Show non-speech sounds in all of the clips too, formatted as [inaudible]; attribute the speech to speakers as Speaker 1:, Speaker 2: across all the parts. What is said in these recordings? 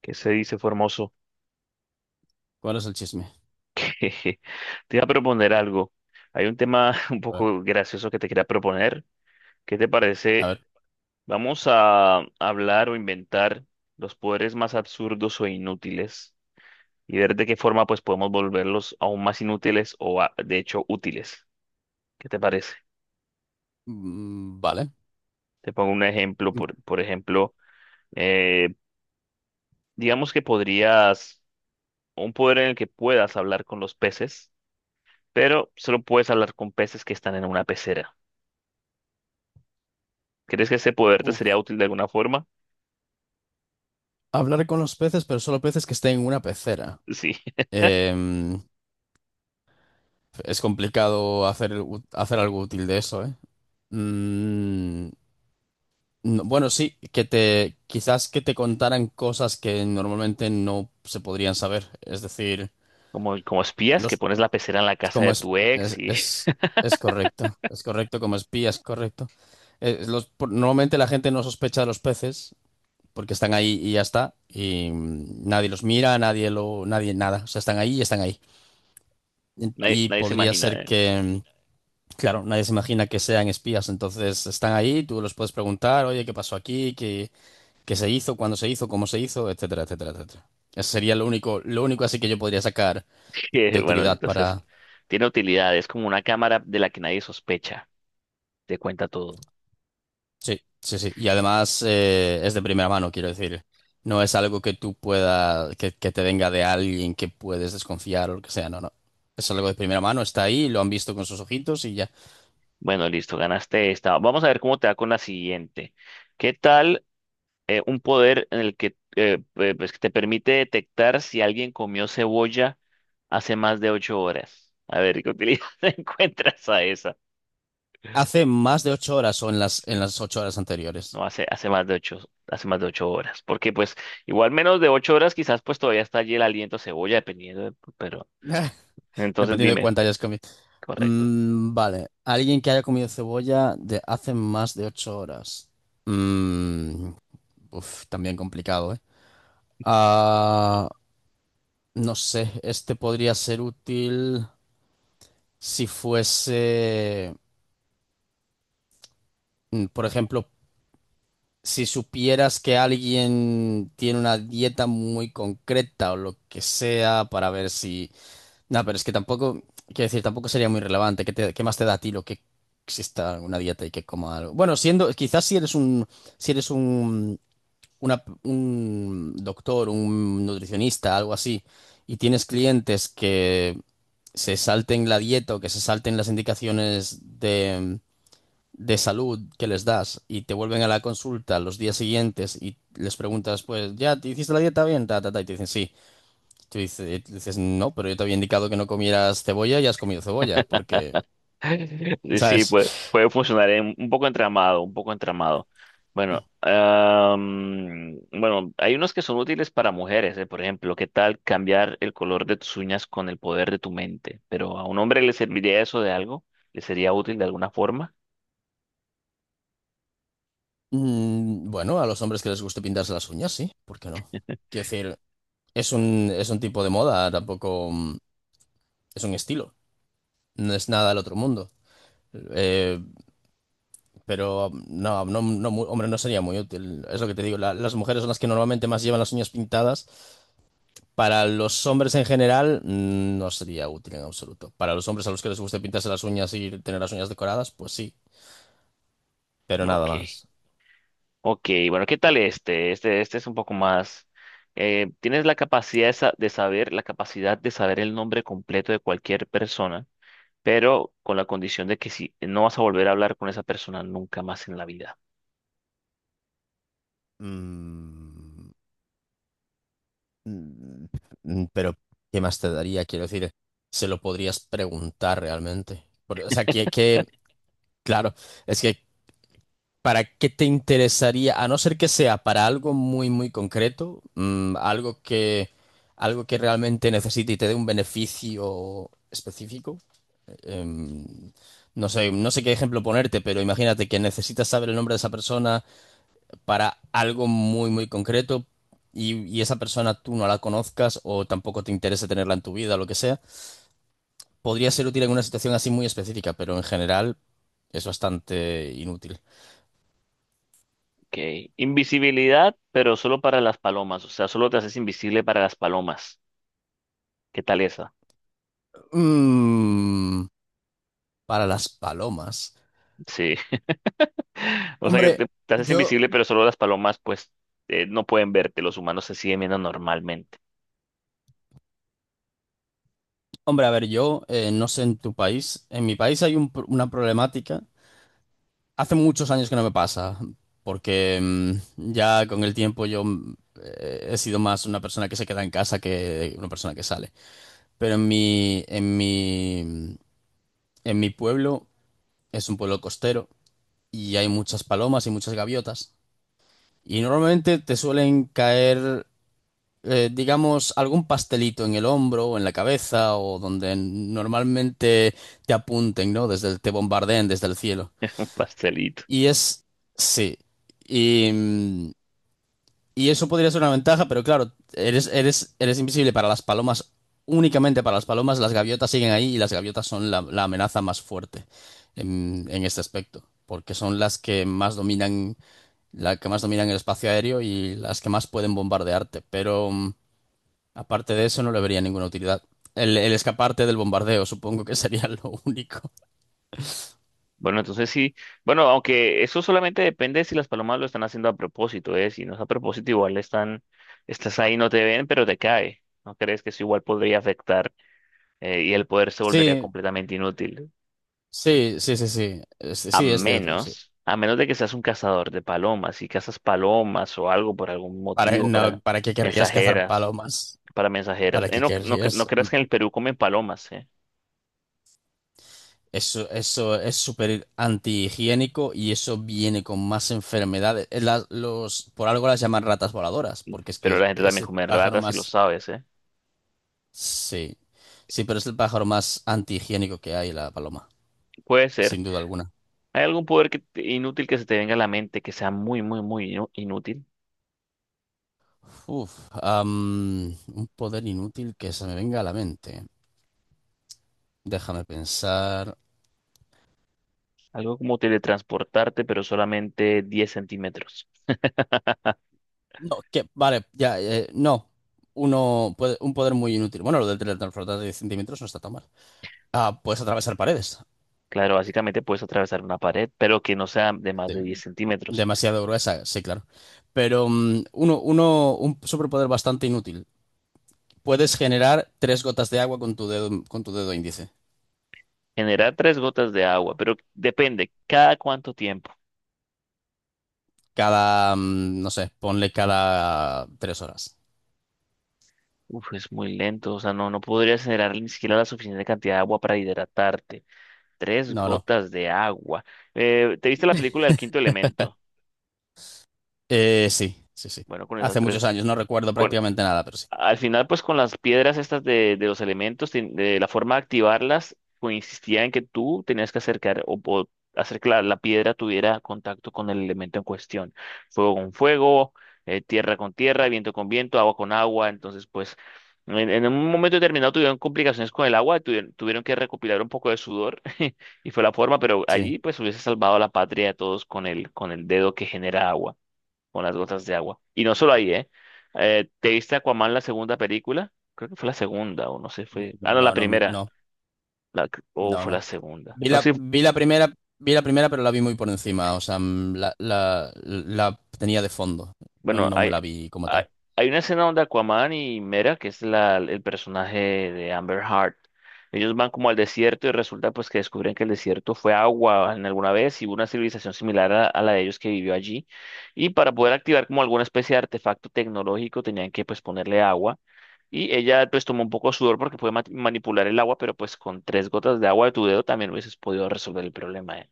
Speaker 1: ¿Qué se dice, Formoso?
Speaker 2: ¿Cuál es el chisme?
Speaker 1: [laughs] Te iba a proponer algo. Hay un tema [laughs] un
Speaker 2: A ver.
Speaker 1: poco gracioso que te quería proponer. ¿Qué te
Speaker 2: A
Speaker 1: parece?
Speaker 2: ver.
Speaker 1: Vamos a hablar o inventar los poderes más absurdos o inútiles y ver de qué forma pues podemos volverlos aún más inútiles o de hecho útiles. ¿Qué te parece?
Speaker 2: Mm, vale.
Speaker 1: Te pongo un ejemplo.
Speaker 2: Mm,
Speaker 1: Por ejemplo, eh, digamos que podrías un poder en el que puedas hablar con los peces, pero solo puedes hablar con peces que están en una pecera. ¿Crees que ese poder te sería
Speaker 2: Uf.
Speaker 1: útil de alguna forma?
Speaker 2: Hablar con los peces, pero solo peces que estén en una pecera.
Speaker 1: Sí, [laughs]
Speaker 2: Em, es complicado hacer, hacer algo útil de eso, ¿eh? Mm, bueno, sí, quizás que te contaran cosas que normalmente no se podrían saber. Es decir,
Speaker 1: como espías que
Speaker 2: los,
Speaker 1: pones la pecera en la casa
Speaker 2: como
Speaker 1: de tu ex y [laughs]
Speaker 2: es correcto. Es correcto como espías, correcto. Normalmente la gente no sospecha de los peces. Porque están ahí y ya está. Nadie los mira, nadie nada. O sea, están ahí y están ahí. Y
Speaker 1: nadie,
Speaker 2: y
Speaker 1: nadie se
Speaker 2: podría
Speaker 1: imagina,
Speaker 2: ser
Speaker 1: ¿eh?
Speaker 2: que, claro, nadie se imagina que sean espías. Entonces están ahí, tú los puedes preguntar, oye, ¿qué pasó aquí? ¿Qué se hizo? ¿Cuándo se hizo? ¿Cómo se hizo? Etcétera, etcétera, etcétera. Eso sería lo único así que yo podría sacar
Speaker 1: [laughs]
Speaker 2: de
Speaker 1: Que, bueno,
Speaker 2: utilidad
Speaker 1: entonces
Speaker 2: para.
Speaker 1: tiene utilidad, es como una cámara de la que nadie sospecha, te cuenta todo.
Speaker 2: Sí, sí, sí. Y además es de primera mano, quiero decir. No es algo que tú puedas, que te venga de alguien que puedes desconfiar o lo que sea, no, no. Es algo de primera mano, está ahí, lo han visto con sus ojitos y ya.
Speaker 1: Bueno, listo, ganaste esta. Vamos a ver cómo te va con la siguiente. ¿Qué tal un poder en el que pues, que te permite detectar si alguien comió cebolla hace más de 8 horas? A ver, ¿qué utilidad [laughs] encuentras a esa?
Speaker 2: Hace más de 8 horas o en
Speaker 1: Sí.
Speaker 2: las 8 horas anteriores.
Speaker 1: No, hace más de 8 horas. Porque pues igual menos de 8 horas quizás pues todavía está allí el aliento a cebolla, dependiendo pero
Speaker 2: [laughs]
Speaker 1: entonces
Speaker 2: Dependiendo de
Speaker 1: dime,
Speaker 2: cuánto hayas comido.
Speaker 1: correcto.
Speaker 2: Mm, vale. Alguien que haya comido cebolla de hace más de ocho horas. Mm, uf, también complicado, ¿eh? Ah, no sé, este podría ser útil. Si fuese, por ejemplo, si supieras que alguien tiene una dieta muy concreta o lo que sea para ver si. No, pero es que tampoco, quiero decir, tampoco sería muy relevante. Qué más te da a ti lo que exista una dieta y que coma algo? Bueno, siendo, quizás si eres un, un doctor, un nutricionista, algo así, y tienes clientes que se salten la dieta o que se salten las indicaciones de salud que les das y te vuelven a la consulta los días siguientes y les preguntas, pues, ¿ya te hiciste la dieta bien? Ta, ta, ta, y te dicen sí. Tú dices, no, pero yo te había indicado que no comieras cebolla y has comido cebolla,
Speaker 1: [laughs]
Speaker 2: porque,
Speaker 1: Sí,
Speaker 2: ¿sabes?
Speaker 1: puede funcionar un poco entramado, un poco entramado. Bueno, bueno, hay unos que son útiles para mujeres, por ejemplo, ¿qué tal cambiar el color de tus uñas con el poder de tu mente? Pero a un hombre le serviría eso de algo, le sería útil de alguna forma.
Speaker 2: Bueno, a los hombres que les guste pintarse las uñas, sí, ¿por qué no? Quiero decir, es un tipo de moda, tampoco es un estilo, no es nada del otro mundo. Eh, pero no, no, no, hombre, no sería muy útil. Es lo que te digo, las mujeres son las que normalmente más llevan las uñas pintadas. Para los hombres en general, no sería útil en absoluto. Para los hombres a los que les guste pintarse las uñas y tener las uñas decoradas, pues sí, pero nada
Speaker 1: Ok.
Speaker 2: más.
Speaker 1: Ok, bueno, ¿qué tal este? Este es un poco más. Tienes la capacidad de, sa- de saber, la capacidad de saber el nombre completo de cualquier persona, pero con la condición de que si no vas a volver a hablar con esa persona nunca más en la vida.
Speaker 2: Mm, mm, pero, ¿qué más te daría? Quiero decir, se lo podrías preguntar realmente. O sea, claro, es que, ¿para qué te interesaría? A no ser que sea para algo muy, muy concreto, algo que realmente necesite y te dé un beneficio específico. em, no sé qué ejemplo ponerte, pero imagínate que necesitas saber el nombre de esa persona para algo muy, muy concreto y esa persona tú no la conozcas o tampoco te interesa tenerla en tu vida, lo que sea. Podría ser útil en una situación así muy específica, pero en general es bastante inútil.
Speaker 1: Ok. Invisibilidad, pero solo para las palomas. O sea, solo te haces invisible para las palomas. ¿Qué tal esa?
Speaker 2: Mm, para las palomas.
Speaker 1: Sí. [laughs] O sea que
Speaker 2: Hombre,
Speaker 1: te haces
Speaker 2: yo,
Speaker 1: invisible, pero solo las palomas, pues, no pueden verte. Los humanos se siguen viendo normalmente.
Speaker 2: Hombre, a ver, yo no sé en tu país, en mi país hay una problemática. Hace muchos años que no me pasa, porque ya con el tiempo yo he sido más una persona que se queda en casa que una persona que sale. Pero en mi pueblo es un pueblo costero y hay muchas palomas y muchas gaviotas. Y normalmente te suelen caer, digamos, algún pastelito en el hombro o en la cabeza o donde normalmente te apunten, ¿no? Te bombardeen desde el cielo.
Speaker 1: [laughs] Un pastelito.
Speaker 2: Y es, sí. Y, mm, Y eso podría ser una ventaja, pero claro, eres invisible para las palomas, únicamente para las palomas, las gaviotas siguen ahí y las gaviotas son la amenaza más fuerte en este aspecto, porque son las que más dominan, la que más dominan el espacio aéreo y las que más pueden bombardearte, pero aparte de eso no le vería ninguna utilidad. El escaparte del bombardeo, supongo que [laughs] sería lo único.
Speaker 1: Bueno, entonces sí, bueno, aunque eso solamente depende si las palomas lo están haciendo a propósito, ¿eh? Si no es a propósito, igual estás ahí, no te ven, pero te cae. ¿No crees que eso igual podría afectar y el poder se volvería
Speaker 2: Sí,
Speaker 1: completamente inútil?
Speaker 2: sí, sí, sí, sí,
Speaker 1: A
Speaker 2: sí, es cierto, sí.
Speaker 1: menos, a menos de que seas un cazador de palomas y cazas palomas o algo por algún motivo
Speaker 2: No,
Speaker 1: para
Speaker 2: ¿para qué querrías cazar
Speaker 1: mensajeras,
Speaker 2: palomas?
Speaker 1: para mensajeras.
Speaker 2: ¿Para
Speaker 1: Eh,
Speaker 2: qué
Speaker 1: no, no, no
Speaker 2: querrías?
Speaker 1: creas que en el Perú comen palomas, ¿eh?
Speaker 2: Eso es súper antihigiénico y eso viene con más enfermedades. Por algo las llaman ratas voladoras, porque es
Speaker 1: Pero
Speaker 2: que
Speaker 1: la gente
Speaker 2: es
Speaker 1: también
Speaker 2: el
Speaker 1: come
Speaker 2: pájaro
Speaker 1: ratas y lo
Speaker 2: más.
Speaker 1: sabes, ¿eh?
Speaker 2: Sí, sí, pero es el pájaro más antihigiénico que hay, la paloma,
Speaker 1: Puede ser.
Speaker 2: sin duda alguna.
Speaker 1: ¿Hay algún poder inútil que se te venga a la mente que sea muy, muy, muy inútil?
Speaker 2: Uf, am, un poder inútil que se me venga a la mente. Déjame pensar.
Speaker 1: Algo como teletransportarte, pero solamente 10 centímetros.
Speaker 2: No, que, vale, ya, no. Un poder muy inútil. Bueno, lo del teletransportar de 10 centímetros no está tan mal. Ah, puedes atravesar paredes.
Speaker 1: Claro, básicamente puedes atravesar una pared, pero que no sea de más de
Speaker 2: Sí.
Speaker 1: 10 centímetros.
Speaker 2: Demasiado gruesa, sí, claro. Pero un superpoder bastante inútil. Puedes generar tres gotas de agua con tu dedo índice.
Speaker 1: Generar tres gotas de agua, pero depende, ¿cada cuánto tiempo?
Speaker 2: No sé, ponle cada 3 horas.
Speaker 1: Uf, es muy lento, o sea, no, no podrías generar ni siquiera la suficiente cantidad de agua para hidratarte. Tres
Speaker 2: No, no.
Speaker 1: gotas de agua. ¿Te viste la película El Quinto Elemento?
Speaker 2: Sí, sí, sí.
Speaker 1: Bueno, con esas
Speaker 2: Hace muchos
Speaker 1: tres,
Speaker 2: años, no recuerdo
Speaker 1: con,
Speaker 2: prácticamente nada, pero sí.
Speaker 1: al final, pues con las piedras estas de los elementos, de la forma de activarlas, consistía en que tú tenías que acercar o hacer que la piedra tuviera contacto con el elemento en cuestión. Fuego con fuego, tierra con tierra, viento con viento, agua con agua. Entonces, pues en un momento determinado tuvieron complicaciones con el agua, tuvieron que recopilar un poco de sudor [laughs] y fue la forma, pero
Speaker 2: Sí.
Speaker 1: allí pues hubiese salvado a la patria de todos con el dedo que genera agua con las gotas de agua. Y no solo ahí, ¿eh? ¿Te viste Aquaman la segunda película? Creo que fue la segunda, o no sé, fue... Ah, no, la
Speaker 2: No, no,
Speaker 1: primera.
Speaker 2: no,
Speaker 1: La... O
Speaker 2: no,
Speaker 1: fue
Speaker 2: no.
Speaker 1: la segunda.
Speaker 2: Vi
Speaker 1: No
Speaker 2: la,
Speaker 1: sé,
Speaker 2: vi la primera, vi la primera, pero la vi muy por encima. O sea, la tenía de fondo. No,
Speaker 1: bueno,
Speaker 2: no me la vi como
Speaker 1: hay,
Speaker 2: tal.
Speaker 1: hay una escena donde Aquaman y Mera, que es el personaje de Amber Heard, ellos van como al desierto y resulta pues que descubren que el desierto fue agua en alguna vez y hubo una civilización similar a la de ellos que vivió allí. Y para poder activar como alguna especie de artefacto tecnológico tenían que pues ponerle agua. Y ella pues tomó un poco de sudor porque puede manipular el agua, pero pues con tres gotas de agua de tu dedo también hubieses podido resolver el problema, ¿eh?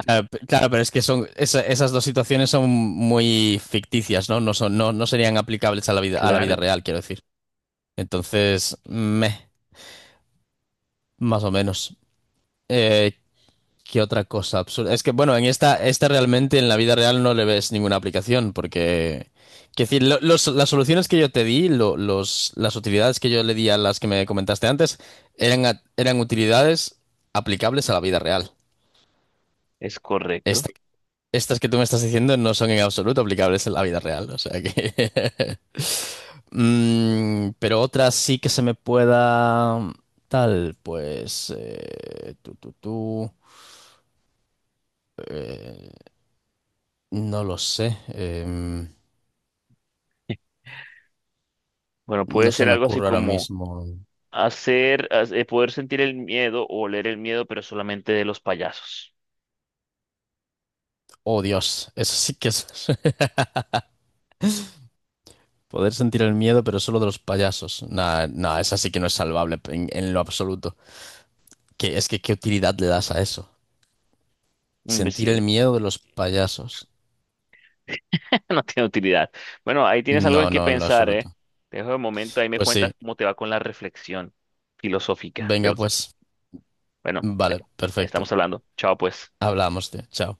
Speaker 2: Claro, pero es que son esas dos situaciones son muy ficticias, ¿no? No serían aplicables a la vida
Speaker 1: Claro,
Speaker 2: real, quiero decir. Entonces, más o menos. Eh, ¿Qué otra cosa absurda? Es que, bueno, esta realmente en la vida real no le ves ninguna aplicación, porque, quiero decir, las soluciones que yo te di, las utilidades que yo le di a las que me comentaste antes, eran utilidades aplicables a la vida real.
Speaker 1: es correcto.
Speaker 2: Estas que tú me estás diciendo no son en absoluto aplicables en la vida real, o sea que [laughs] Pero otras sí que se me pueda. Tal, pues, no lo sé.
Speaker 1: Bueno,
Speaker 2: No
Speaker 1: puede
Speaker 2: se
Speaker 1: ser
Speaker 2: me
Speaker 1: algo así
Speaker 2: ocurre ahora
Speaker 1: como
Speaker 2: mismo.
Speaker 1: poder sentir el miedo o oler el miedo, pero solamente de los payasos.
Speaker 2: Oh, Dios, eso sí que es [laughs] Poder sentir el miedo, pero solo de los payasos. Nah, nah, esa sí que no es salvable en lo absoluto. ¿Que es que qué utilidad le das a eso?
Speaker 1: Mm, pues
Speaker 2: Sentir el
Speaker 1: sí,
Speaker 2: miedo de los payasos.
Speaker 1: [laughs] no tiene utilidad. Bueno, ahí tienes algo en
Speaker 2: No,
Speaker 1: qué
Speaker 2: no, en lo
Speaker 1: pensar, ¿eh?
Speaker 2: absoluto.
Speaker 1: Te dejo de momento, ahí me
Speaker 2: Pues
Speaker 1: cuentas
Speaker 2: sí.
Speaker 1: cómo te va con la reflexión filosófica de
Speaker 2: Venga,
Speaker 1: los...
Speaker 2: pues,
Speaker 1: Bueno, ahí
Speaker 2: vale,
Speaker 1: ahí
Speaker 2: perfecto.
Speaker 1: estamos hablando. Chao, pues.
Speaker 2: Hablamos de, chao.